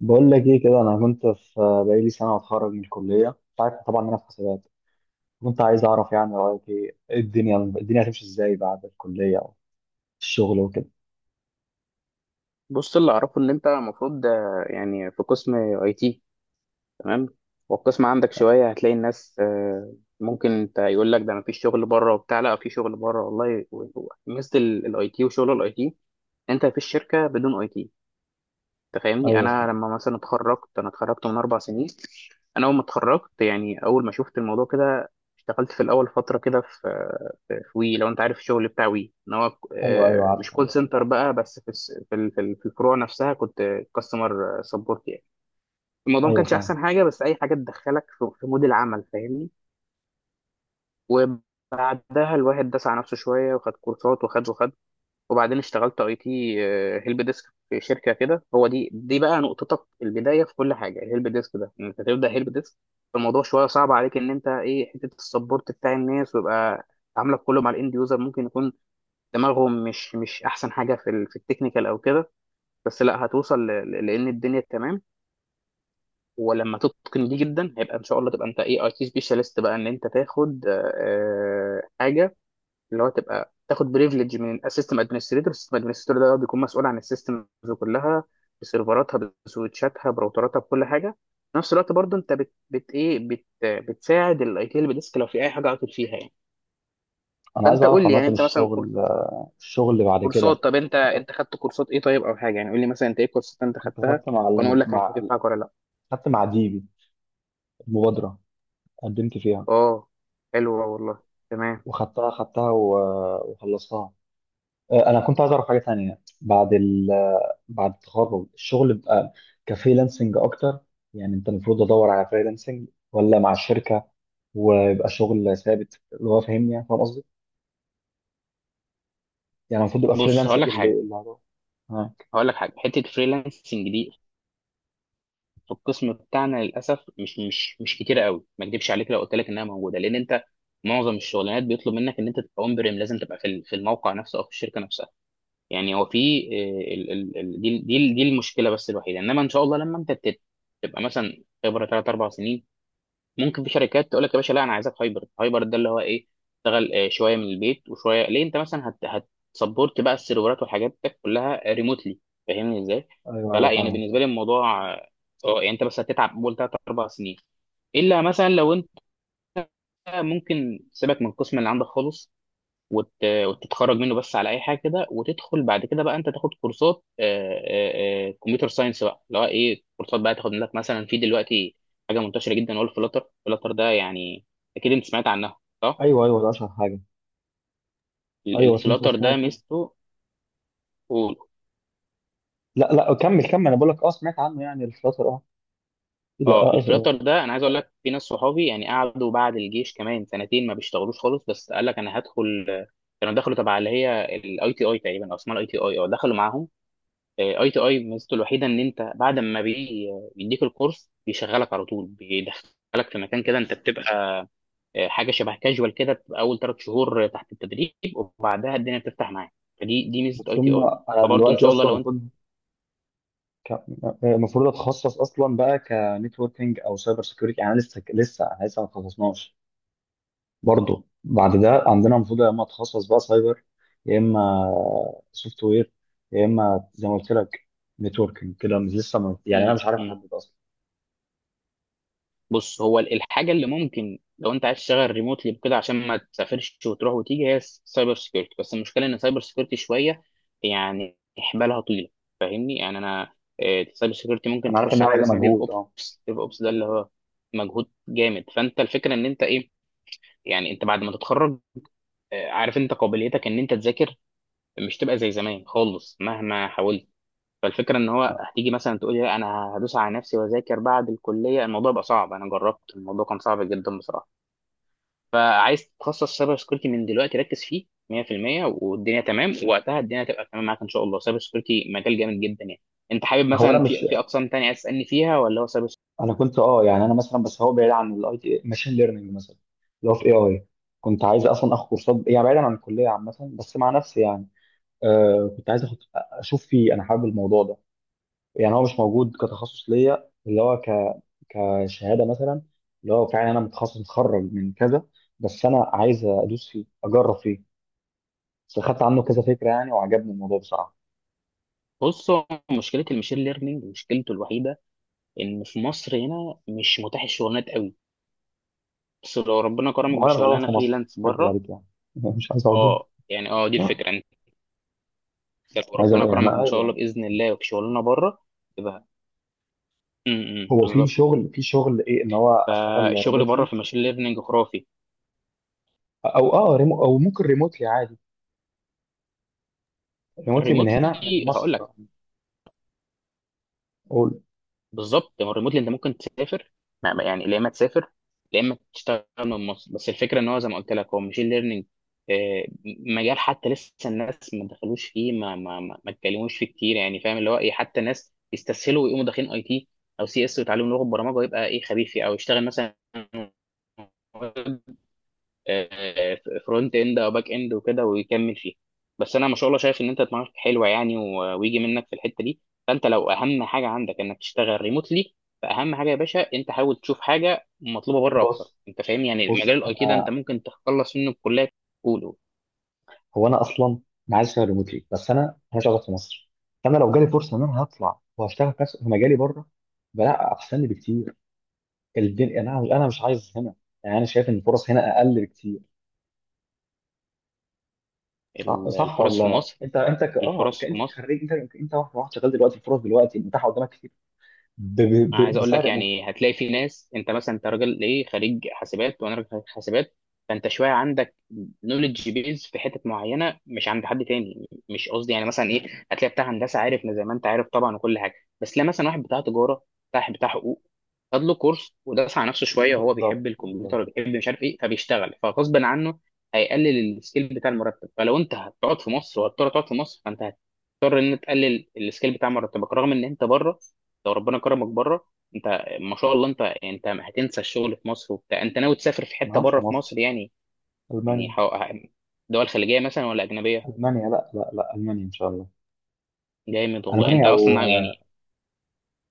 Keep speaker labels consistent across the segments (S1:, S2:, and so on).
S1: بقول لك ايه كده. انا كنت في بقالي سنه اتخرج من الكليه. انت عارف طبعا ان انا في حسابات. كنت عايز اعرف يعني رايك ايه الدنيا هتمشي ازاي بعد الكليه او الشغل وكده؟
S2: بص، اللي اعرفه ان انت المفروض يعني في قسم اي تي. تمام. والقسم عندك شويه هتلاقي الناس، ممكن انت يقول لك ده مفيش شغل بره وبتاع، لا في شغل بره والله. ميزه الاي تي وشغل الاي تي، انت في الشركه بدون اي تي، انت فاهمني؟
S1: ايوه صح.
S2: انا لما مثلا اتخرجت، انا اتخرجت من 4 سنين. انا اول ما اتخرجت يعني، اول ما شفت الموضوع كده اشتغلت في الاول فتره كده في وي. لو انت عارف الشغل بتاع وي، ان هو
S1: ايوه ايوه عارف.
S2: مش كول سنتر بقى، بس في الس- في ال- في ال- في الفروع نفسها كنت كاستمر سبورت يعني. الموضوع ما
S1: ايوه
S2: كانش
S1: فاهم.
S2: احسن حاجه، بس اي حاجه تدخلك في مود العمل، فاهمني؟ وبعدها الواحد داس على نفسه شويه وخد كورسات وخد وخد، وبعدين اشتغلت اي تي هيلب ديسك في شركه كده. هو دي بقى نقطتك البدايه في كل حاجه. الهيلب ديسك ده ان انت تبدا هيلب ديسك، الموضوع شويه صعب عليك، ان انت ايه، حته السبورت بتاع الناس، ويبقى عاملك كله مع الاند يوزر. ممكن يكون دماغهم مش احسن حاجه في في التكنيكال او كده، بس لا هتوصل، لان الدنيا تمام. ولما تتقن دي جدا، هيبقى ان شاء الله تبقى انت ايه، اي تي سبيشالست بقى، ان انت تاخد حاجه اللي هو تبقى تاخد بريفليج من السيستم ادمنستريتور. السيستم ادمنستريتور ده هو بيكون مسؤول عن السيستمز كلها، بسيرفراتها، بسويتشاتها، براوتراتها، بكل حاجه. في نفس الوقت برضو، انت بت, بت ايه بت بتساعد الاي تي اللي بديسك لو في اي حاجه عطل فيها يعني.
S1: انا عايز
S2: فانت
S1: اعرف
S2: قول لي
S1: عامه
S2: يعني، انت مثلا
S1: الشغل اللي بعد
S2: كورسات،
S1: كده.
S2: طب انت خدت كورسات ايه؟ طيب، او حاجه يعني، قول لي مثلا انت ايه الكورسات انت
S1: كنت
S2: خدتها،
S1: خدت مع
S2: وانا اقول
S1: الم...
S2: لك
S1: مع
S2: هتنفعك ولا لا.
S1: خدت مع ديبي، المبادره قدمت فيها،
S2: اه. حلوه والله. تمام.
S1: وخدتها خدتها و... وخلصتها. انا كنت عايز اعرف حاجه تانية بعد ال آه، بعد التخرج، الشغل بقى كفريلانسنج اكتر. يعني انت المفروض ادور على فريلانسنج ولا مع الشركه ويبقى شغل ثابت، اللي هو فاهمني يعني فاهم قصدي؟ يعني المفروض يبقى
S2: بص، هقول
S1: فريلانسنج
S2: لك
S1: اللي
S2: حاجه
S1: اللي هدور. اه.
S2: هقول لك حاجه حته فريلانسنج دي، في القسم بتاعنا للاسف مش كتير قوي. ما اكدبش عليك لو قلت لك انها موجوده، لان انت معظم الشغلانات بيطلب منك ان انت تبقى اون بريم. لازم تبقى في في الموقع نفسه او في الشركه نفسها يعني. هو في دي المشكله بس الوحيده، انما ان شاء الله لما انت تبقى مثلا خبره 3 4 سنين، ممكن في شركات تقول لك يا باشا، لا انا عايزك هايبرد. هايبرد ده اللي هو ايه؟ اشتغل شويه من البيت وشويه. ليه؟ انت مثلا هتسبورت بقى السيرفرات والحاجات دي كلها ريموتلي. فاهمني ازاي؟
S1: ايوه ايوه
S2: فلا يعني،
S1: فاهمك
S2: بالنسبه
S1: فاهم.
S2: لي الموضوع يعني انت بس هتتعب اول 3 4 سنين. الا مثلا لو انت ممكن سيبك من القسم اللي عندك خالص، وتتخرج منه بس على اي حاجه كده، وتدخل بعد كده بقى انت تاخد كورسات كمبيوتر ساينس بقى، اللي هو ايه، كورسات بقى تاخد لك مثلا. في دلوقتي حاجه منتشره جدا هو الفلاتر. الفلاتر ده يعني، اكيد انت سمعت عنها، صح؟
S1: ايوه ايوه ده اشهر حاجه. ايوه بس انت
S2: الفلاتر ده
S1: سمعت.
S2: ميزته. قول.
S1: لا لا كمل كمل، انا بقول لك اه سمعت عنه يعني الفتره اه. لا
S2: اه،
S1: آه،
S2: الفلاتر ده انا عايز اقول لك، في ناس صحابي يعني قعدوا بعد الجيش كمان سنتين ما بيشتغلوش خالص، بس قال لك انا هدخل كانوا دخلوا تبع اللي هي الاي تي اي تقريبا، او اسمها الاي تي اي، اه، دخلوا معاهم. اي تي اي ميزته الوحيده ان انت بعد ما بيديك الكورس بيشغلك على طول، بيدخلك في مكان كده انت بتبقى حاجه شبه كاجوال كده، بتبقى اول 3 شهور تحت التدريب، وبعدها الدنيا بتفتح معاك. فدي ميزه
S1: بس
S2: اي تي
S1: هم.
S2: اي.
S1: انا
S2: فبرضه ان
S1: دلوقتي
S2: شاء الله
S1: اصلا
S2: لو انت
S1: المفروض ك- المفروض اتخصص اصلا بقى كنتوركينج او سايبر سيكيورتي. يعني لسه أنا لسه ما اتخصصناش. برضه بعد ده عندنا المفروض يا اما اتخصص بقى سايبر، يا اما سوفت وير، يا اما زي ما قلت لك نتوركينج كده، مش لسه، يعني انا
S2: م-
S1: مش عارف
S2: م.
S1: احدد اصلا.
S2: بص، هو الحاجه اللي ممكن لو انت عايز تشتغل ريموتلي كده عشان ما تسافرش وتروح وتيجي، هي السايبر سكيورتي. بس المشكله ان السايبر سكيورتي شويه يعني حبالها طويله، فاهمني يعني؟ انا السايبر سكيورتي ممكن
S1: انا عارف
S2: تخش
S1: انها
S2: على حاجه
S1: عايزه
S2: اسمها ديف
S1: مجهود اه.
S2: اوبس. ديف اوبس ده اللي هو مجهود جامد. فانت الفكره ان انت ايه، يعني انت بعد ما تتخرج عارف انت قابليتك ان انت تذاكر مش تبقى زي زمان خالص مهما حاولت. فالفكره ان هو هتيجي مثلا تقولي، لا انا هدوس على نفسي واذاكر بعد الكليه، الموضوع بقى صعب. انا جربت الموضوع كان صعب جدا بصراحه. فعايز تتخصص سايبر سكيورتي من دلوقتي، ركز فيه 100% والدنيا تمام. وقتها الدنيا تبقى تمام معاك ان شاء الله. سايبر سكيورتي مجال جامد جدا يعني. انت حابب
S1: هو انا
S2: مثلا
S1: مش.
S2: في اقسام تانية عايز تسالني فيها، ولا هو سايبر سكيورتي؟
S1: انا كنت يعني انا مثلا، بس هو بعيد عن الاي تي، ماشين ليرنينج مثلا اللي هو في اي اي. كنت عايز اصلا اخد كورسات يعني بعيدا عن الكليه عامه، بس مع نفسي يعني. كنت عايز أخد اشوف فيه، انا حابب الموضوع ده. يعني هو مش موجود كتخصص ليا، اللي هو كشهاده مثلا، اللي هو فعلا انا متخصص متخرج من كذا. بس انا عايز ادوس فيه اجرب فيه. بس خدت عنه كذا فكره يعني، وعجبني الموضوع بصراحه.
S2: بص، هو مشكله المشين ليرنينج، مشكلته الوحيده ان في مصر هنا مش متاح الشغلانات قوي. بس لو ربنا كرمك
S1: وانا مش عايز اقعد
S2: بشغلانه
S1: في مصر،
S2: فريلانس
S1: مش هكدب
S2: بره،
S1: عليك يعني. مش عايز اقعد
S2: اه يعني، اه دي
S1: هنا.
S2: الفكره. طب وربنا
S1: يعني
S2: كرمك ان شاء
S1: ايوه.
S2: الله باذن الله وبشغلنا بره، يبقى
S1: هو في
S2: بالظبط.
S1: شغل في شغل ايه ان هو اشتغل
S2: فالشغل بره
S1: ريموتلي،
S2: في ماشين ليرنينج خرافي.
S1: او ممكن ريموتلي عادي. ريموتلي من هنا من
S2: الريموتلي هقول
S1: مصر.
S2: لك،
S1: اقول.
S2: بالظبط. هو الريموتلي انت ممكن تسافر، يعني يا اما تسافر، يا اما تشتغل من مصر. بس الفكره ان هو زي ما قلت لك، هو ماشين ليرنينج مجال حتى لسه الناس ما دخلوش فيه، ما اتكلموش فيه كتير يعني. فاهم اللي هو ايه، حتى ناس يستسهلوا ويقوموا داخلين اي تي او سي اس، ويتعلموا لغه برمجه، ويبقى ايه خبيث فيه، او يشتغل مثلا فرونت اند او باك اند وكده ويكمل فيها. بس انا ما شاء الله شايف ان انت دماغك حلوه يعني، ويجي منك في الحته دي. فانت لو اهم حاجه عندك انك تشتغل ريموتلي، فاهم حاجه يا باشا، انت حاول تشوف حاجه مطلوبه بره اكتر.
S1: بص
S2: انت فاهم يعني مجال
S1: بص
S2: الاي تي ده انت
S1: انا.
S2: ممكن تخلص منه بكليه كله.
S1: هو انا اصلا. انا عايز اشتغل ريموتلي بس انا مش قاعد في مصر. فانا لو جالي فرصه ان انا هطلع وهشتغل في مجالي بره، بلا احسن لي بكتير. الدنيا انا مش عايز هنا، يعني انا شايف ان الفرص هنا اقل بكتير. صح،
S2: ال-
S1: صح.
S2: الفرص في
S1: ولا
S2: مصر
S1: انت انت ك... اه
S2: الفرص
S1: ك-
S2: في
S1: انت
S2: مصر
S1: كخريج، انت واحد شغال دلوقتي، الفرص دلوقتي متاحه قدامك كتير ب... ب...
S2: انا
S1: ب...
S2: عايز اقول لك
S1: بسعر مجزي.
S2: يعني، هتلاقي في ناس، انت مثلا انت راجل ايه، خريج حاسبات، وانا راجل خريج حاسبات. فانت شويه عندك نولج بيز في حتت معينه مش عند حد تاني. مش قصدي يعني مثلا ايه، هتلاقي بتاع هندسه عارف زي ما انت عارف طبعا وكل حاجه، بس لا مثلا واحد بتاع تجاره، بتاع حقوق، خد له كورس ودرس على نفسه شويه وهو
S1: بالظبط
S2: بيحب
S1: بالظبط.
S2: الكمبيوتر وبيحب مش عارف ايه، فبيشتغل فغصب عنه هيقلل السكيل بتاع المرتب. فلو انت هتقعد في مصر، وهتضطر تقعد في مصر، فانت هتضطر ان تقلل السكيل بتاع مرتبك. رغم ان انت بره، لو ربنا كرمك بره، انت ما شاء الله، انت يعني انت هتنسى الشغل في مصر وبتاع. انت ناوي تسافر في
S1: انا
S2: حته بره
S1: هنسى
S2: في مصر
S1: مصر،
S2: يعني، يعني
S1: المانيا.
S2: دول خليجيه مثلا ولا اجنبيه؟
S1: المانيا، لا لا لا، المانيا ان شاء الله.
S2: جامد والله. انت
S1: المانيا او.
S2: اصلا يعني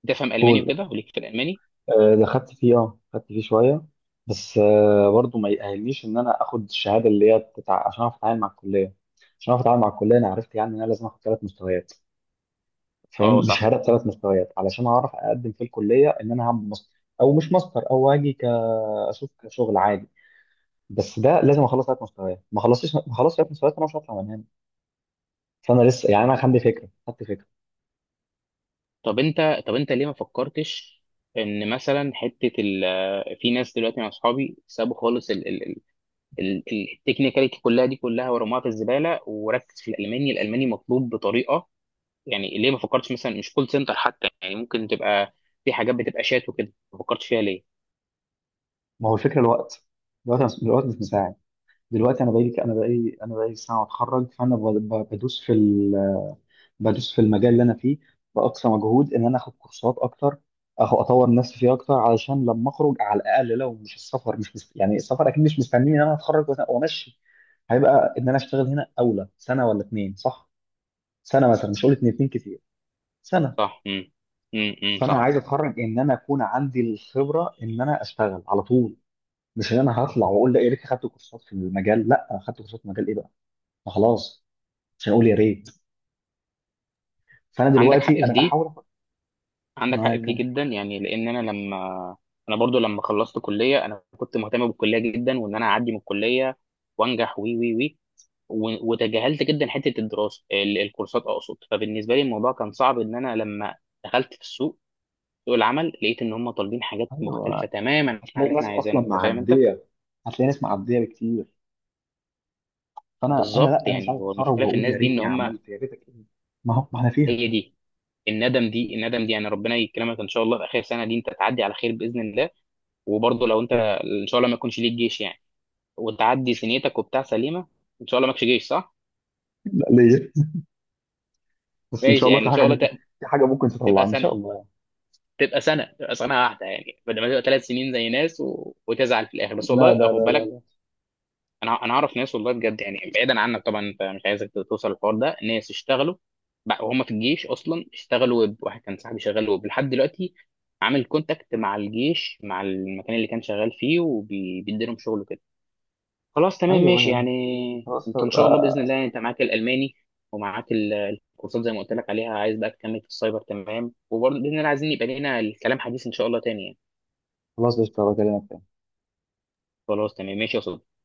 S2: تفهم الماني
S1: قول.
S2: وكده، وليك في الالماني.
S1: ده خدت فيه اه، خدت فيه شويه. بس، برضه ما يأهلنيش ان انا اخد الشهاده اللي هي بتاع، عشان اعرف اتعامل مع الكليه. عشان اعرف اتعامل مع الكليه، انا عرفت يعني ان انا لازم اخد ثلاث مستويات.
S2: اه
S1: فاهم، دي
S2: صح.
S1: شهاده بثلاث مستويات علشان اعرف اقدم في الكليه، ان انا هعمل ماستر او مش ماستر، او اجي، اشوف كشغل عادي. بس ده لازم اخلص ثلاث مستويات، ما خلصتش ثلاث مستويات انا مش هطلع من هنا. فانا لسه يعني، انا عندي فكره، خدت فكره.
S2: طب انت ليه ما فكرتش ان مثلا حته في ناس دلوقتي مع اصحابي سابوا خالص التكنيكاليتي كلها دي كلها ورموها في الزباله، وركز في الالماني. الالماني مطلوب بطريقه يعني. ليه ما فكرتش مثلا مش كول سنتر حتى يعني؟ ممكن تبقى في حاجات بتبقى شات وكده، ما فكرتش فيها ليه؟
S1: ما هو الفكره، الوقت مش مساعد. دلوقتي انا بقالي سنه اتخرج، فانا ب- بدوس في ال- بدوس في المجال اللي انا فيه باقصى مجهود ان انا اخد كورسات اكتر، اطور نفسي فيه اكتر، علشان لما اخرج على الاقل، لو مش السفر مش مست... يعني السفر اكيد مش مستنيني ان انا اتخرج وامشي، هيبقى ان انا اشتغل هنا اولى سنه ولا اتنين؟ صح، سنه مثلا، مش هقول اتنين، اتنين كتير. سنه.
S2: صح.
S1: فانا
S2: صح.
S1: عايز اتخرج ان انا اكون عندي الخبره ان انا اشتغل على طول، مش ان انا هطلع واقول لا يا ريت اخدت كورسات في المجال. لا اخدت كورسات في المجال ايه بقى، ما خلاص، عشان اقول يا ريت. فانا
S2: عندك حق
S1: دلوقتي
S2: في
S1: انا
S2: دي،
S1: بحاول أفكر.
S2: عندك حق في
S1: معاك
S2: دي
S1: أنا.
S2: جدا يعني، لان انا لما، انا برضو لما خلصت كليه، انا كنت مهتم بالكليه جدا، وان انا اعدي من الكليه وانجح، وي وي وي، وتجاهلت جدا حته الدراسه، الكورسات اقصد. فبالنسبه لي الموضوع كان صعب ان انا لما دخلت في السوق، سوق العمل، لقيت ان هم طالبين حاجات مختلفه
S1: ايوه،
S2: تماما عن
S1: هتلاقي
S2: اللي احنا
S1: ناس اصلا
S2: عايزينها، انت فاهم انت؟
S1: معديه، هتلاقي ناس معديه بكتير. فانا
S2: بالظبط.
S1: لا انا مش
S2: يعني
S1: عايز
S2: هو
S1: اتخرج
S2: المشكله في
S1: واقول
S2: الناس
S1: يا
S2: دي ان
S1: ريتني
S2: هم،
S1: عملت، يا ريتك ايه. ما هو ما احنا فيها.
S2: هي دي الندم دي. الندم دي يعني، ربنا يكرمك ان شاء الله في اخر سنه دي انت تعدي على خير باذن الله، وبرضه لو انت ان شاء الله ما يكونش ليك جيش يعني، وتعدي سنيتك وبتاع سليمه. ان شاء الله ماكش جيش، صح؟
S1: لا ليه، بس ان
S2: ماشي
S1: شاء الله
S2: يعني،
S1: في
S2: ان
S1: حاجه
S2: شاء الله
S1: ممكن، في حاجه ممكن
S2: تبقى
S1: تطلعنا ان شاء
S2: سنه
S1: الله يعني.
S2: تبقى سنه واحده يعني، بدل ما تبقى 3 سنين زي ناس، وتزعل في الاخر. بس
S1: لا
S2: والله
S1: لا
S2: خد
S1: لا
S2: بالك،
S1: لا.
S2: انا اعرف ناس والله بجد يعني، بعيدا عنك طبعا، انت مش عايزك توصل الحوار ده، ناس اشتغلوا بقى وهم في الجيش، اصلا اشتغلوا ويب. واحد كان صاحبي شغال ويب لحد دلوقتي، عامل كونتاكت مع الجيش، مع المكان اللي كان شغال فيه، وبيدي لهم شغل كده. خلاص تمام
S1: ايوه
S2: ماشي
S1: ايوه.
S2: يعني.
S1: خلاص
S2: انت ان شاء الله باذن
S1: آه،
S2: الله، انت معاك الالماني، ومعاك الكورسات زي ما قلت لك عليها، عايز بقى تكمل في السايبر، تمام. وبرضه باذن الله عايزين يبقى لنا الكلام حديث ان شاء الله تاني يعني.
S1: خلاص قشطة، بكلمك تاني.
S2: خلاص تمام ماشي يا صديقي.